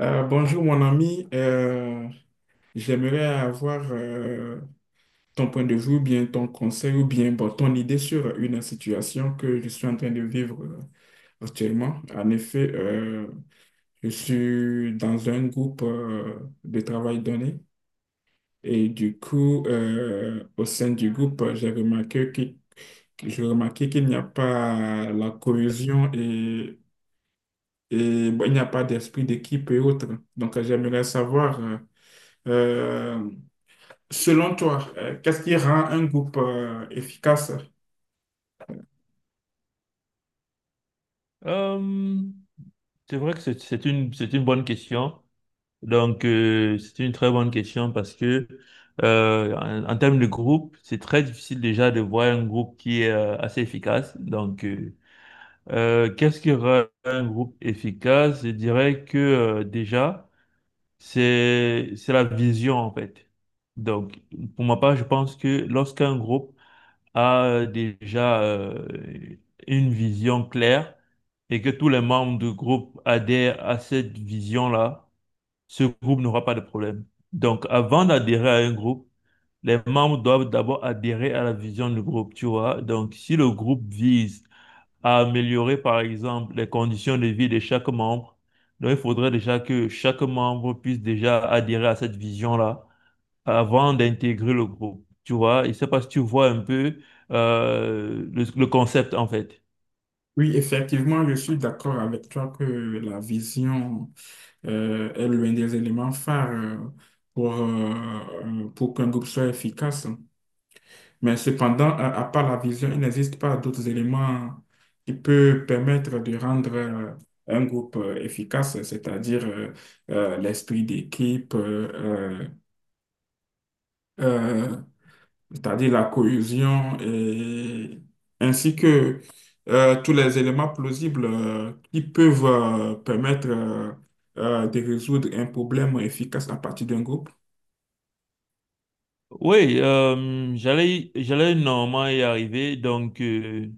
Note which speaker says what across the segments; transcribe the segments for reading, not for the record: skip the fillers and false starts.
Speaker 1: Bonjour mon ami. J'aimerais avoir ton point de vue ou bien ton conseil ou bien bon, ton idée sur une situation que je suis en train de vivre actuellement. En effet, je suis dans un groupe de travail donné. Et du coup, au sein du groupe, j'ai remarqué qu'il n'y a pas la cohésion, et bon, il n'y a pas d'esprit d'équipe et autres. Donc, j'aimerais savoir Euh, selon toi, qu'est-ce qui rend un groupe efficace?
Speaker 2: Euh, c'est vrai que c'est une bonne question. Donc, c'est une très bonne question parce que en termes de groupe, c'est très difficile déjà de voir un groupe qui est assez efficace. Donc, qu'est-ce qui rend un groupe efficace? Je dirais que déjà, c'est la vision en fait. Donc, pour ma part, je pense que lorsqu'un groupe a déjà une vision claire et que tous les membres du groupe adhèrent à cette vision-là, ce groupe n'aura pas de problème. Donc, avant d'adhérer à un groupe, les membres doivent d'abord adhérer à la vision du groupe, tu vois. Donc, si le groupe vise à améliorer, par exemple, les conditions de vie de chaque membre, donc il faudrait déjà que chaque membre puisse déjà adhérer à cette vision-là avant d'intégrer le groupe. Tu vois, je ne sais pas si tu vois un peu le concept en fait.
Speaker 1: Oui, effectivement, je suis d'accord avec toi que la vision est l'un des éléments phares pour qu'un groupe soit efficace. Mais cependant, à part la vision, il n'existe pas d'autres éléments qui peuvent permettre de rendre un groupe efficace, c'est-à-dire l'esprit d'équipe, euh, euh, c'est-à-dire la cohésion, et ainsi que tous les éléments plausibles qui peuvent permettre de résoudre un problème efficace à partir d'un groupe.
Speaker 2: Oui, j'allais normalement y arriver. Donc,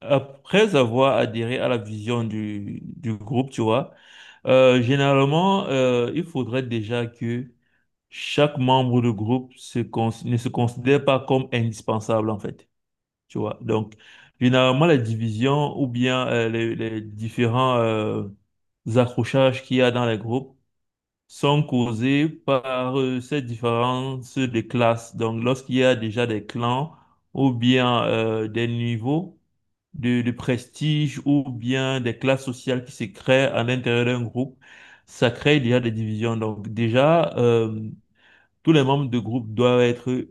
Speaker 2: après avoir adhéré à la vision du groupe, tu vois, généralement, il faudrait déjà que chaque membre du groupe ne se considère pas comme indispensable en fait. Tu vois, donc, généralement, la division ou bien les différents accrochages qu'il y a dans les groupes sont causés par ces différences de classes. Donc, lorsqu'il y a déjà des clans ou bien des niveaux de prestige ou bien des classes sociales qui se créent à l'intérieur d'un groupe, ça crée déjà des divisions. Donc, déjà, tous les membres du groupe doivent être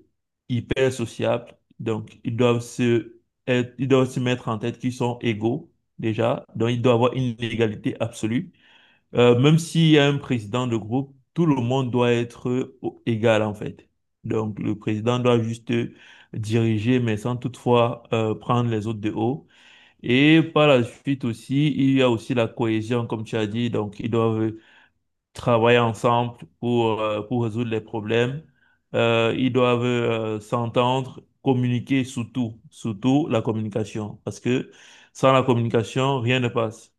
Speaker 2: hyper sociables. Donc, ils doivent se mettre en tête qu'ils sont égaux, déjà. Donc, il doit y avoir une égalité absolue. Même s'il y a un président de groupe, tout le monde doit être égal, en fait. Donc, le président doit juste diriger, mais sans toutefois prendre les autres de haut. Et par la suite aussi, il y a aussi la cohésion, comme tu as dit. Donc, ils doivent travailler ensemble pour résoudre les problèmes. Ils doivent s'entendre, communiquer surtout, surtout la communication, parce que sans la communication, rien ne passe.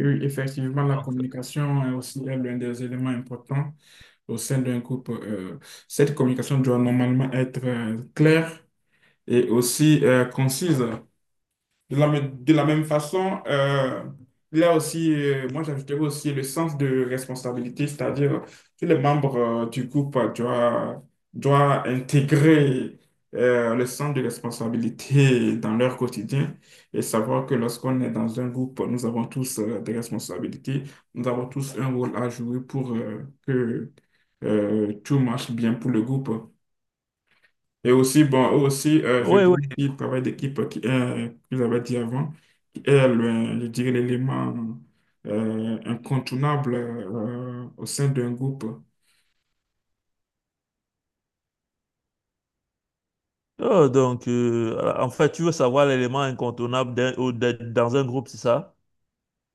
Speaker 1: Oui, effectivement, la
Speaker 2: Donc,
Speaker 1: communication est aussi l'un des éléments importants au sein d'un groupe. Cette communication doit normalement être claire et aussi concise. De la de la même façon, il y a aussi, moi j'ajouterais aussi le sens de responsabilité, c'est-à-dire tous les membres du groupe doivent intégrer le sens de responsabilité dans leur quotidien, et savoir que lorsqu'on est dans un groupe, nous avons tous des responsabilités, nous avons tous un rôle à jouer pour que tout marche bien pour le groupe. Et aussi, bon, eux aussi, je
Speaker 2: oui,
Speaker 1: dirais
Speaker 2: oui.
Speaker 1: qu'il travail d'équipe que j'avais dit avant, qui est, je dirais, l'élément incontournable au sein d'un groupe.
Speaker 2: Oh, donc, voilà. En fait, tu veux savoir l'élément incontournable dans un groupe, c'est ça?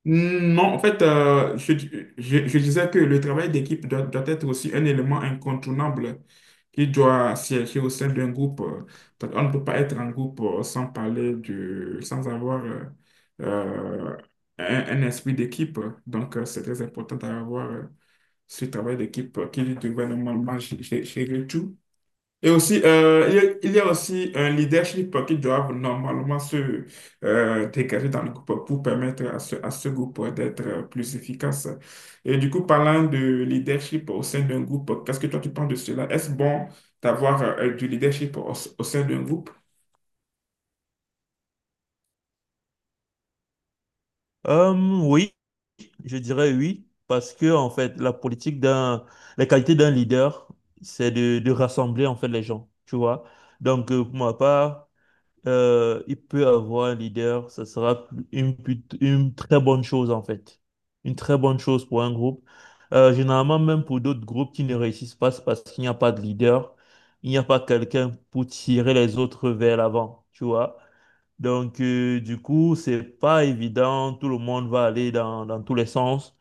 Speaker 1: Non, en fait, je disais que le travail d'équipe doit être aussi un élément incontournable qui doit siéger au sein d'un groupe. Parce qu'on ne peut pas être en groupe sans parler sans avoir euh, un esprit d'équipe. Donc, c'est très important d'avoir ce travail d'équipe qui devrait normalement gérer tout. Et aussi, il y a aussi un leadership qui doit normalement se dégager dans le groupe pour permettre à à ce groupe d'être plus efficace. Et du coup, parlant de leadership au sein d'un groupe, qu'est-ce que toi tu penses de cela? Est-ce bon d'avoir du leadership au sein d'un groupe?
Speaker 2: Euh, oui, je dirais oui, parce que en fait, la qualité d'un leader, c'est de rassembler en fait les gens, tu vois. Donc, pour ma part, il peut avoir un leader, ça sera une très bonne chose en fait. Une très bonne chose pour un groupe. Généralement, même pour d'autres groupes qui ne réussissent pas, c'est parce qu'il n'y a pas de leader, il n'y a pas quelqu'un pour tirer les autres vers l'avant, tu vois. Donc, du coup, c'est pas évident. Tout le monde va aller dans tous les sens.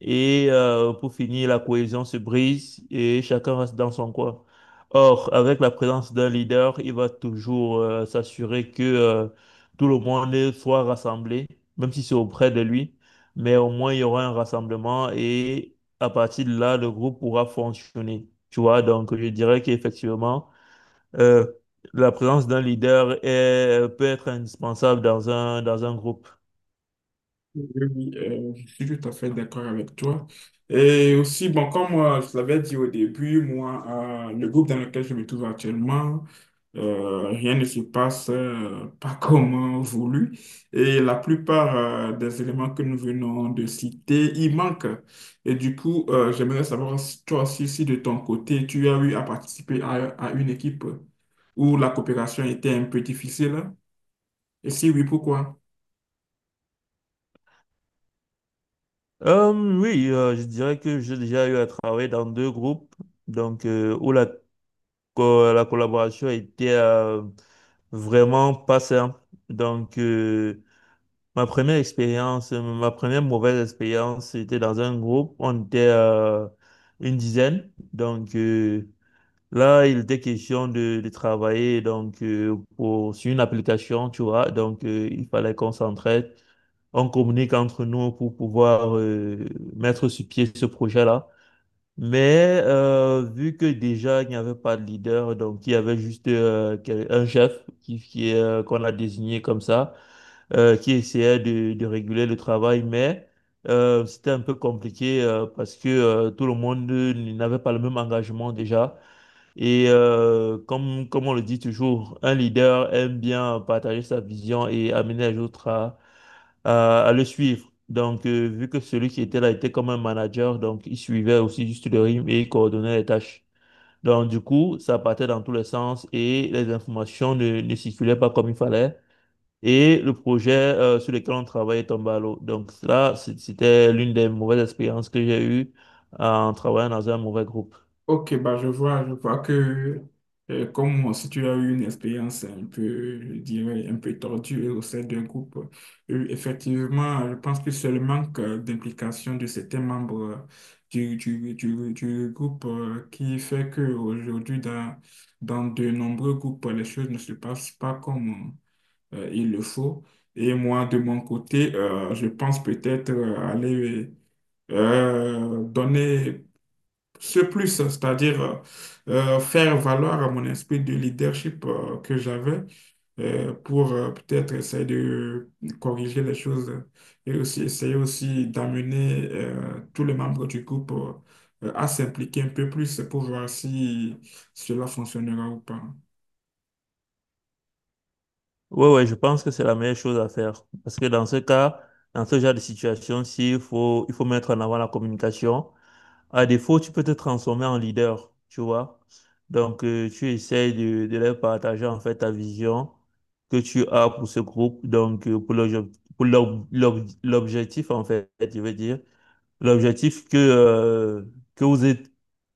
Speaker 2: Et pour finir, la cohésion se brise et chacun reste dans son coin. Or, avec la présence d'un leader, il va toujours s'assurer que tout le monde soit rassemblé, même si c'est auprès de lui. Mais au moins, il y aura un rassemblement et à partir de là, le groupe pourra fonctionner. Tu vois, donc je dirais qu'effectivement, euh, la présence d'un leader est, peut être indispensable dans dans un groupe.
Speaker 1: Oui, oui, je suis tout à fait d'accord avec toi. Et aussi, bon, comme je l'avais dit au début, moi, le groupe dans lequel je me trouve actuellement, rien ne se passe pas comme voulu. Et la plupart des éléments que nous venons de citer, ils manquent. Et du coup, j'aimerais savoir, si toi aussi, si de ton côté, tu as eu à participer à une équipe où la coopération était un peu difficile. Et si oui, pourquoi?
Speaker 2: Euh, oui, je dirais que j'ai déjà eu à travailler dans deux groupes, donc où la collaboration était vraiment pas simple. Donc, ma première mauvaise expérience, c'était dans un groupe, on était une dizaine. Donc, là, il était question de travailler donc sur une application, tu vois. Donc, il fallait qu'on s'entraide, on communique entre nous pour pouvoir mettre sur pied ce projet-là. Mais vu que déjà il n'y avait pas de leader, donc il y avait juste un chef qu'on a désigné comme ça, qui essayait de réguler le travail, mais c'était un peu compliqué parce que tout le monde n'avait pas le même engagement déjà. Et comme on le dit toujours, un leader aime bien partager sa vision et amener les autres à le suivre. Donc, vu que celui qui était là était comme un manager, donc il suivait aussi juste le rythme et il coordonnait les tâches. Donc, du coup, ça partait dans tous les sens et les informations ne circulaient pas comme il fallait. Et le projet sur lequel on travaillait tombait à l'eau. Donc, là, c'était l'une des mauvaises expériences que j'ai eues en travaillant dans un mauvais groupe.
Speaker 1: Ok, bah, je vois que comme si tu as eu une expérience un peu, je dirais, un peu tordue au sein d'un groupe. Euh, effectivement, je pense que c'est le manque d'implication de certains membres du groupe qui fait qu'aujourd'hui, dans de nombreux groupes, les choses ne se passent pas comme il le faut. Et moi, de mon côté, je pense peut-être aller donner ce plus, c'est-à-dire faire valoir à mon esprit de leadership que j'avais pour peut-être essayer de corriger les choses, et aussi essayer aussi d'amener tous les membres du groupe à s'impliquer un peu plus pour voir si cela fonctionnera ou pas.
Speaker 2: Oui, ouais, ouais, je pense que c'est la meilleure chose à faire. Parce que dans ce cas, dans ce genre de situation, il faut mettre en avant la communication. À défaut, tu peux te transformer en leader, tu vois. Donc, tu essayes de leur partager en fait ta vision que tu as pour ce groupe, donc pour l'obje- pour l'ob- l'ob- l'objectif en fait, je veux dire, l'objectif que vous êtes,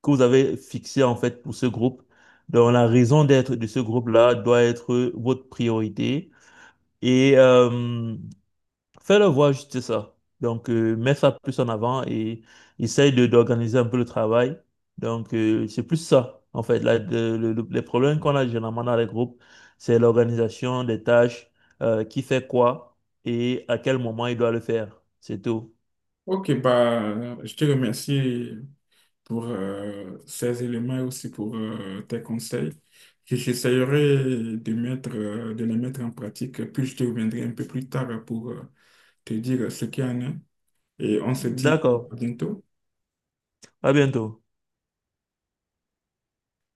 Speaker 2: que vous avez fixé en fait pour ce groupe. Donc, la raison d'être de ce groupe-là doit être votre priorité et fais-le voir juste ça. Donc, mets ça plus en avant et essaye d'organiser un peu le travail. Donc, c'est plus ça, en fait. Les problèmes qu'on a généralement dans les groupes, c'est l'organisation des tâches, qui fait quoi et à quel moment il doit le faire. C'est tout.
Speaker 1: Ok, bah, je te remercie pour ces éléments et aussi pour tes conseils. Que j'essayerai de de les mettre en pratique, puis je te reviendrai un peu plus tard pour te dire ce qu'il y en a. Et on se dit
Speaker 2: D'accord.
Speaker 1: à bientôt.
Speaker 2: À bientôt.